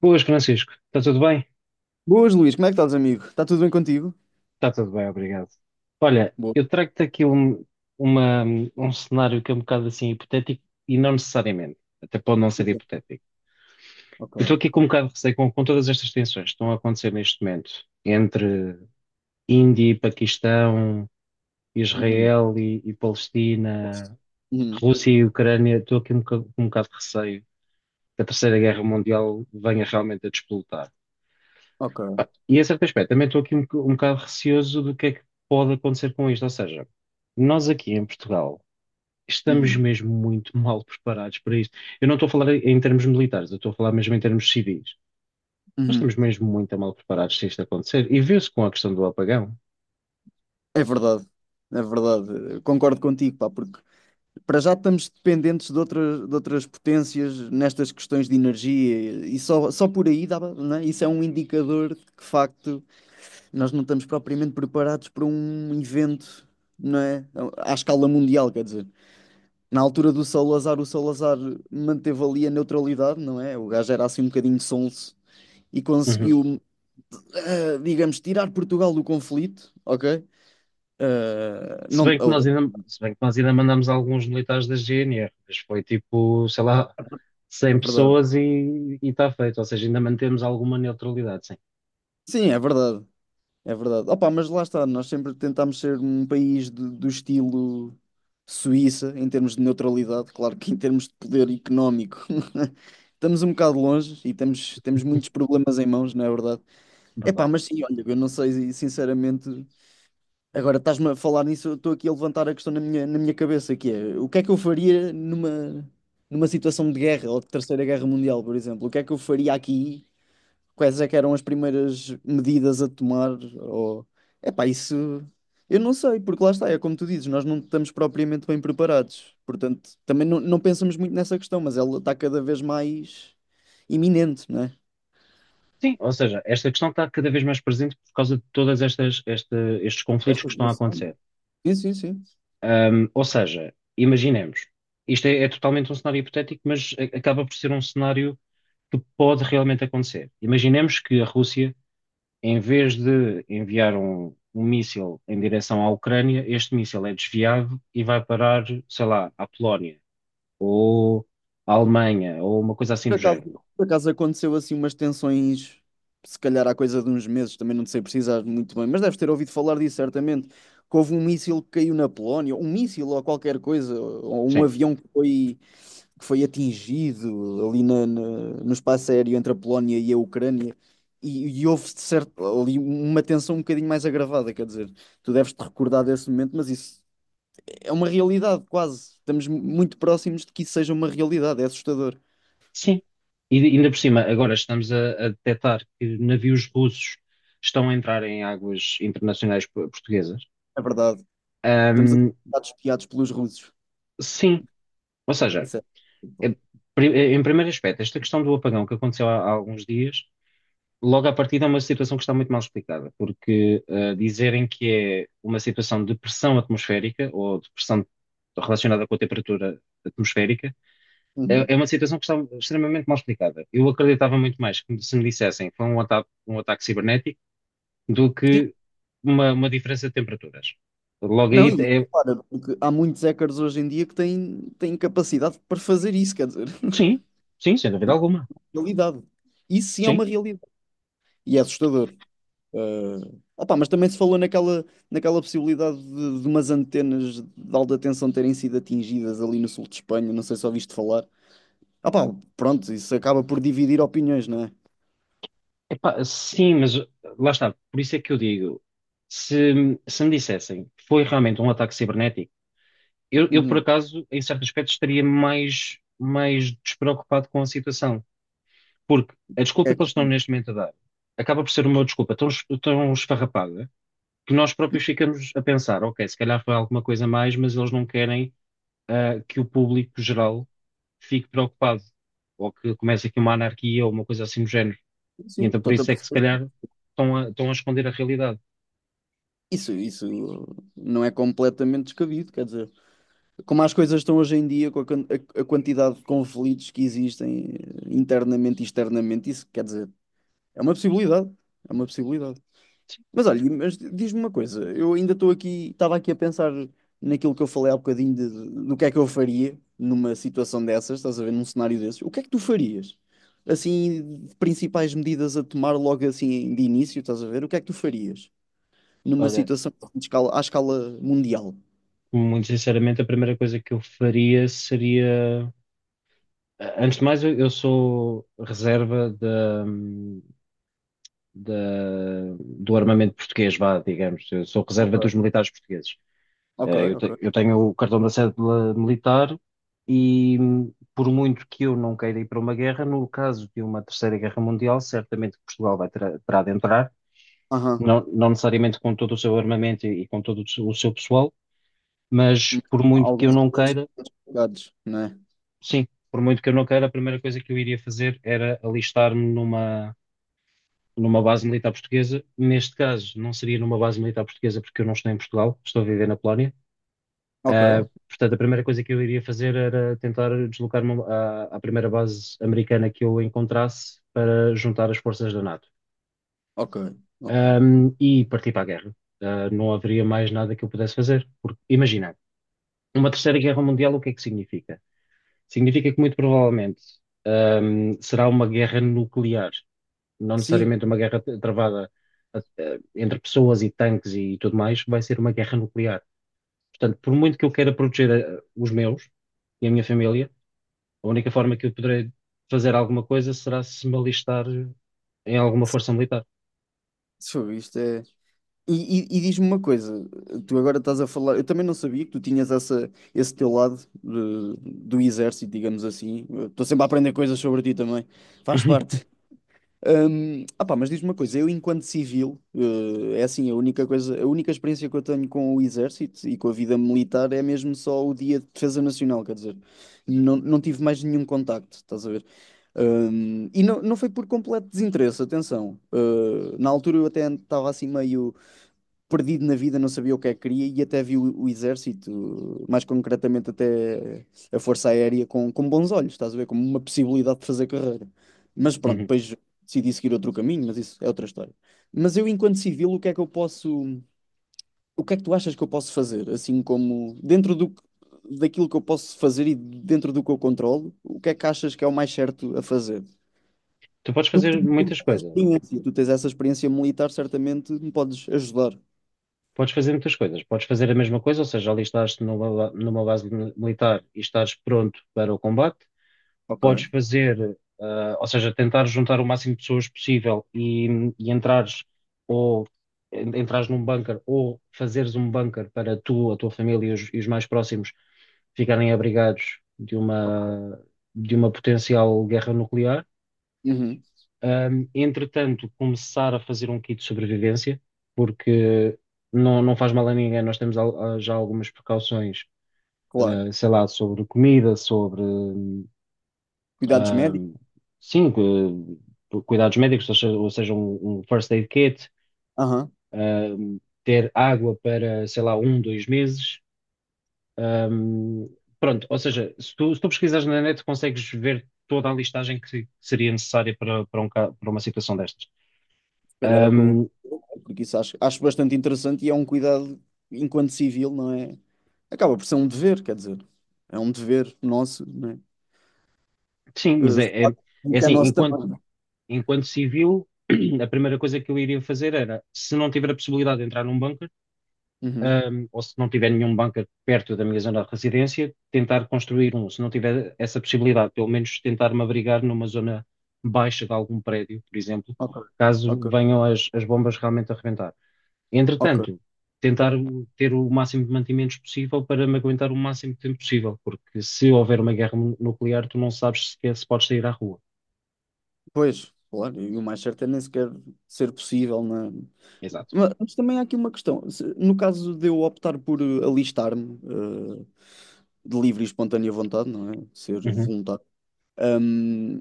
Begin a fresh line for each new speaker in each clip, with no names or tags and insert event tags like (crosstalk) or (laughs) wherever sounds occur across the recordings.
Boas, Francisco. Está tudo bem?
Boas, Luís, como é que estás, amigo? Está tudo bem contigo?
Está tudo bem, obrigado. Olha,
Boa.
eu trago-te aqui uma- um cenário que é um bocado assim hipotético e não necessariamente, até pode não ser
Então,
hipotético. Eu estou
Ok.
aqui com um bocado de receio com todas estas tensões que estão a acontecer neste momento entre Índia e Paquistão,
Uhum.
Israel e Palestina,
Uhum.
Rússia e Ucrânia. Estou aqui com um bocado de receio que a Terceira Guerra Mundial venha realmente a despoletar.
Ok.
E a certo aspecto, também estou aqui um bocado receoso do que é que pode acontecer com isto. Ou seja, nós aqui em Portugal estamos
Uhum.
mesmo muito (laughs) mal preparados para isto. Eu não estou a falar em termos militares, eu estou a falar mesmo em termos civis. Nós
Uhum.
estamos mesmo muito mal preparados se isto acontecer. E viu-se com a questão do apagão.
É verdade, é verdade. Eu concordo contigo, pá, porque para já estamos dependentes de outras potências nestas questões de energia e só por aí dá, não é? Isso é um indicador de que, de facto, nós não estamos propriamente preparados para um evento, não é? À escala mundial, quer dizer. Na altura do Salazar, o Salazar manteve ali a neutralidade, não é? O gajo era assim um bocadinho sonso e
Uhum.
conseguiu, digamos, tirar Portugal do conflito, ok? Eh,
Se
não,
bem que
oh,
nós ainda, Se bem que nós ainda mandamos alguns militares da GNR, mas foi tipo, sei lá,
é
100
verdade.
pessoas e está feito. Ou seja, ainda mantemos alguma neutralidade, sim,
Sim, é verdade. É verdade. Opa, mas lá está, nós sempre tentámos ser um país do estilo Suíça, em termos de neutralidade, claro que em termos de poder económico. (laughs) Estamos um bocado longe e temos muitos problemas em mãos, não é verdade? Epá,
verdade.
mas sim, olha, eu não sei sinceramente. Agora estás-me a falar nisso, eu estou aqui a levantar a questão na minha cabeça, que é o que é que eu faria numa situação de guerra ou de Terceira Guerra Mundial, por exemplo? O que é que eu faria aqui? Quais é que eram as primeiras medidas a tomar? Ou... Epá, isso eu não sei, porque lá está, é como tu dizes, nós não estamos propriamente bem preparados. Portanto, também não pensamos muito nessa questão, mas ela está cada vez mais iminente, não é?
Sim, ou seja, esta questão está cada vez mais presente por causa de todas estes conflitos
Esta
que estão a
situação.
acontecer.
Sim, sim, sim.
Ou seja, imaginemos, isto é totalmente um cenário hipotético, mas acaba por ser um cenário que pode realmente acontecer. Imaginemos que a Rússia, em vez de enviar um míssil em direção à Ucrânia, este míssil é desviado e vai parar, sei lá, à Polónia ou à Alemanha ou uma coisa assim
Por
do
acaso,
género.
por acaso aconteceu assim umas tensões, se calhar há coisa de uns meses, também não te sei precisar muito bem, mas deves ter ouvido falar disso certamente, que houve um míssil que caiu na Polónia, um míssil ou qualquer coisa, ou um
Sim.
avião que foi atingido ali no espaço aéreo entre a Polónia e a Ucrânia, e houve de certo, ali uma tensão um bocadinho mais agravada, quer dizer, tu deves te recordar desse momento, mas isso é uma realidade quase, estamos muito próximos de que isso seja uma realidade, é assustador.
Sim. E ainda por cima, agora estamos a detectar que navios russos estão a entrar em águas internacionais portuguesas.
É verdade. Estamos a ser
Ahm,
espiados pelos russos.
sim, ou seja,
Isso culpa.
é- em primeiro aspecto, esta questão do apagão que aconteceu há alguns dias, logo à partida é uma situação que está muito mal explicada, porque dizerem que é uma situação de pressão atmosférica ou de pressão relacionada com a temperatura atmosférica
Uhum.
é uma situação que está extremamente mal explicada. Eu acreditava muito mais que se me dissessem que foi um ataque cibernético do
Sim.
que uma diferença de temperaturas. Logo
Não,
aí,
e
é,
claro, porque há muitos hackers hoje em dia que têm capacidade para fazer isso, quer dizer,
sim,
(laughs)
sim, sem dúvida alguma.
realidade. Isso sim é
Sim,
uma realidade. E é assustador. Eh, opá, mas também se falou naquela possibilidade de umas antenas de alta tensão terem sido atingidas ali no sul de Espanha, não sei se ouviste falar. Opá, pronto, isso acaba por dividir opiniões, não é?
epá, sim, mas lá está. Por isso é que eu digo, se me dissessem que foi realmente um ataque cibernético, eu por
Uhum.
acaso, em certo aspecto, estaria mais despreocupado com a situação. Porque a desculpa
É
que eles estão
comum.
neste momento a dar acaba por ser uma desculpa tão esfarrapada que nós próprios ficamos a pensar, ok, se calhar foi alguma coisa mais, mas eles não querem que o público geral fique preocupado ou que comece aqui uma anarquia ou uma coisa assim do género. E
Sim,
então por
estou-te a
isso é que se
perceber.
calhar estão a esconder a realidade.
Isso não é completamente descabido, quer dizer, como as coisas estão hoje em dia, com a quantidade de conflitos que existem internamente e externamente, isso quer dizer, é uma possibilidade, é uma possibilidade. Mas olha, mas diz-me uma coisa, eu ainda estou aqui, estava aqui a pensar naquilo que eu falei há bocadinho do que é que eu faria numa situação dessas, estás a ver, num cenário desses, o que é que tu farias? Assim, principais medidas a tomar logo assim de início, estás a ver, o que é que tu farias, numa
Olha,
situação de escala, à escala mundial?
muito sinceramente, a primeira coisa que eu faria seria, antes de mais, eu sou reserva do armamento português, vá, digamos. Eu sou reserva
Ok,
dos militares portugueses.
ok,
Eh, Eu,
ok.
te- eu tenho o cartão da cédula militar e, por muito que eu não queira ir para uma guerra, no caso de uma terceira guerra mundial, certamente que Portugal terá de entrar,
Aham.
não necessariamente com todo o seu armamento e com todo o seu pessoal, mas
Hum. Alguns clientes complicados, não é?
por muito que eu não queira, a primeira coisa que eu iria fazer era alistar-me numa, numa base militar portuguesa. Neste caso, não seria numa base militar portuguesa porque eu não estou em Portugal, estou a viver na Polónia.
Ok,
Portanto, a primeira coisa que eu iria fazer era tentar deslocar-me à primeira base americana que eu encontrasse para juntar as forças da NATO,
ok, ok.
E partir para a guerra. Não haveria mais nada que eu pudesse fazer. Porque, imagina, uma terceira guerra mundial, o que é que significa? Significa que muito provavelmente, será uma guerra nuclear, não
Sim,
necessariamente uma guerra travada, entre pessoas e tanques e tudo mais, vai ser uma guerra nuclear. Portanto, por muito que eu queira proteger os meus e a minha família. A única forma que eu poderei fazer alguma coisa será se me alistar em alguma
sim.
força militar.
Isso, isto é. E diz-me uma coisa, tu agora estás a falar, eu também não sabia que tu tinhas esse teu lado de- do exército, digamos assim. Eu estou sempre a aprender coisas sobre ti também, faz
(laughs)
parte. Ah pá, mas diz-me uma coisa, eu enquanto civil, é assim, a única coisa, a única experiência que eu tenho com o exército e com a vida militar é mesmo só o dia de defesa nacional, quer dizer, não tive mais nenhum contacto, estás a ver? E não foi por completo desinteresse, atenção. Na altura eu até estava assim meio, perdido na vida, não sabia o que é que queria e até viu o exército, mais concretamente até a Força Aérea, com bons olhos, estás a ver? Como uma possibilidade de fazer carreira. Mas pronto,
Uhum.
depois decidi seguir outro caminho, mas isso é outra história. Mas eu, enquanto civil, o que é que eu posso. O que é que tu achas que eu posso fazer? Assim como dentro daquilo que eu posso fazer e dentro do que eu controlo, o que é que achas que é o mais certo a fazer?
Tu podes
Tu que
fazer
tens
muitas
essa
coisas.
experiência, tu tens essa experiência militar, certamente me podes ajudar.
Podes fazer muitas coisas. Podes fazer a mesma coisa, ou seja, alistar-te numa base militar e estares pronto para o combate.
Ok,
Podes fazer, ou seja, tentar juntar o máximo de pessoas possível e entrares ou entrares num bunker ou fazeres um bunker para tu, a tua família e os mais próximos ficarem abrigados de
ok.
uma, de uma potencial guerra nuclear.
Uhum.
Entretanto, começar a fazer um kit de sobrevivência, porque não faz mal a ninguém, nós temos já algumas precauções,
Claro.
sei lá, sobre comida, sobre.
Cuidados médicos?
Ahm, sim, cuidados médicos, ou seja, um, um first aid kit,
Aham.
ahm, ter água para, sei lá, um, dois meses. Ahm, Pronto, ou seja, se tu, pesquisares na net, consegues ver toda a listagem que seria necessária para uma situação destas.
Se calhar é o que eu vou.
Ahm,
Porque isso acho bastante interessante e é um cuidado, enquanto civil, não é? Acaba por ser um dever, quer dizer. É um dever nosso, não é?
sim, mas
Eh,
é, é
que é
assim,
nosso também.
enquanto civil, (clears throat) a primeira coisa que eu iria fazer era, se não tiver a possibilidade de entrar num banco,
Uhum.
ou se não tiver nenhum bunker perto da minha zona de residência, tentar construir um. Se não tiver essa possibilidade, pelo menos tentar me abrigar numa zona baixa de algum prédio, por exemplo,
Ok.
caso
Ok.
venham as bombas realmente a reventar.
Ok.
Entretanto, tentar ter o máximo de mantimentos possível para me aguentar o máximo de tempo possível, porque se houver uma guerra nuclear, tu não sabes sequer se podes sair à rua.
Pois, claro. E o mais certo é nem sequer ser possível, não é?
Exato.
Mas também há aqui uma questão. No caso de eu optar por alistar-me, de livre e espontânea vontade, não é? Ser
Uhum.
voluntário. Hum,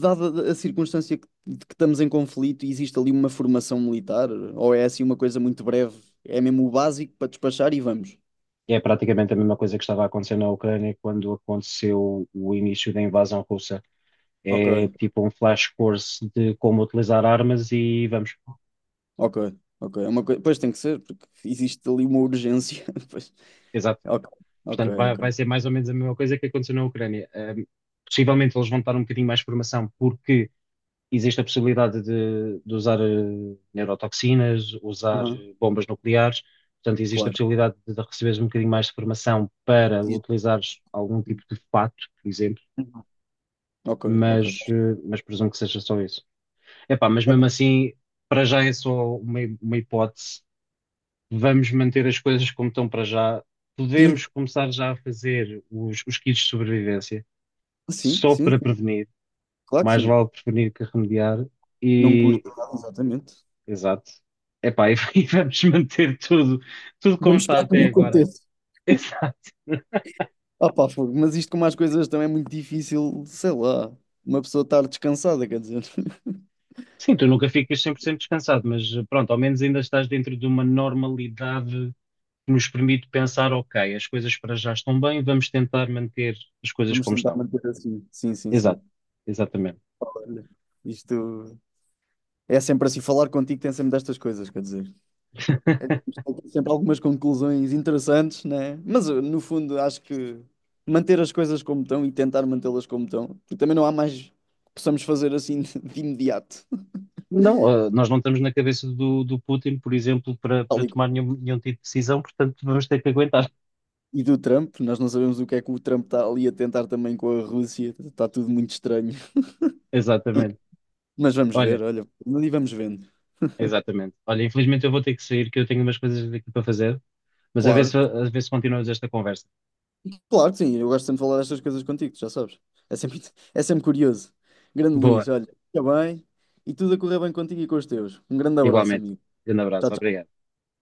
dada a circunstância de que estamos em conflito, existe ali uma formação militar? Ou é assim uma coisa muito breve? É mesmo o básico para despachar e vamos.
É praticamente a mesma coisa que estava a acontecer na Ucrânia quando aconteceu o início da invasão russa.
Ok,
É tipo um flash course de como utilizar armas e vamos.
ok, ok. É uma coisa, pois tem que ser, porque existe ali uma urgência. (laughs) Pois.
Exato.
Ok, ok,
Portanto, vai,
ok.
vai ser mais ou menos a mesma coisa que aconteceu na Ucrânia. Possivelmente eles vão dar um bocadinho mais de formação porque existe a possibilidade de usar neurotoxinas, usar
Aham,
bombas nucleares. Portanto, existe a
claro.
possibilidade de receberes um bocadinho mais de formação para
Existe-
utilizares algum tipo de fato, por exemplo,
Ok, ok.
mas presumo que seja só isso. Epá, mas mesmo assim, para já é só uma hipótese. Vamos manter as coisas como estão para já.
Sim,
Podemos começar já a fazer os kits de sobrevivência,
sim,
só
sim,
para
sim.
prevenir.
Claro que
Mais
sim.
vale prevenir que remediar.
Não custa
E,
nada, exatamente.
exato. Epá, e, (laughs) e vamos manter tudo como
Vamos
está
esperar que
até
não
agora.
aconteça.
(laughs) Exato.
Ah pá, fogo, mas isto com mais coisas também é muito difícil, sei lá, uma pessoa estar descansada, quer dizer. (laughs)
Sim, tu nunca ficas 100% descansado, mas pronto, ao menos ainda estás dentro de uma normalidade que nos permite pensar, ok, as coisas para já estão bem, vamos tentar manter as coisas
Vamos
como
tentar
estão.
manter assim. Sim, sim, sim.
Exato, exatamente.
Olha, isto é sempre assim, falar contigo tem sempre destas coisas, quer dizer. É,
(laughs)
temos sempre algumas conclusões interessantes, né? Mas no fundo acho que manter as coisas como estão e tentar mantê-las como estão, porque também não há mais que possamos fazer assim (laughs) de imediato.
Não, nós não estamos na cabeça do Putin, por exemplo, para,
Tal e
tomar
qual.
nenhum tipo de decisão, portanto vamos ter que aguentar.
E do Trump, nós não sabemos o que é que o Trump está ali a tentar também com a Rússia, está tudo muito estranho.
(laughs) Exatamente.
Mas vamos
Olha,
ver, olha, e vamos vendo.
exatamente. Olha, infelizmente eu vou ter que sair, que eu tenho umas coisas aqui para fazer, mas
Claro,
a ver se continuamos esta conversa.
claro que sim, eu gosto sempre de falar destas coisas contigo, tu já sabes. É sempre, é sempre curioso. Grande
Boa,
Luís, olha, fica bem e tudo a correr bem contigo e com os teus. Um grande abraço,
igualmente.
amigo.
Grande
Tchau,
abraço,
tchau.
obrigado.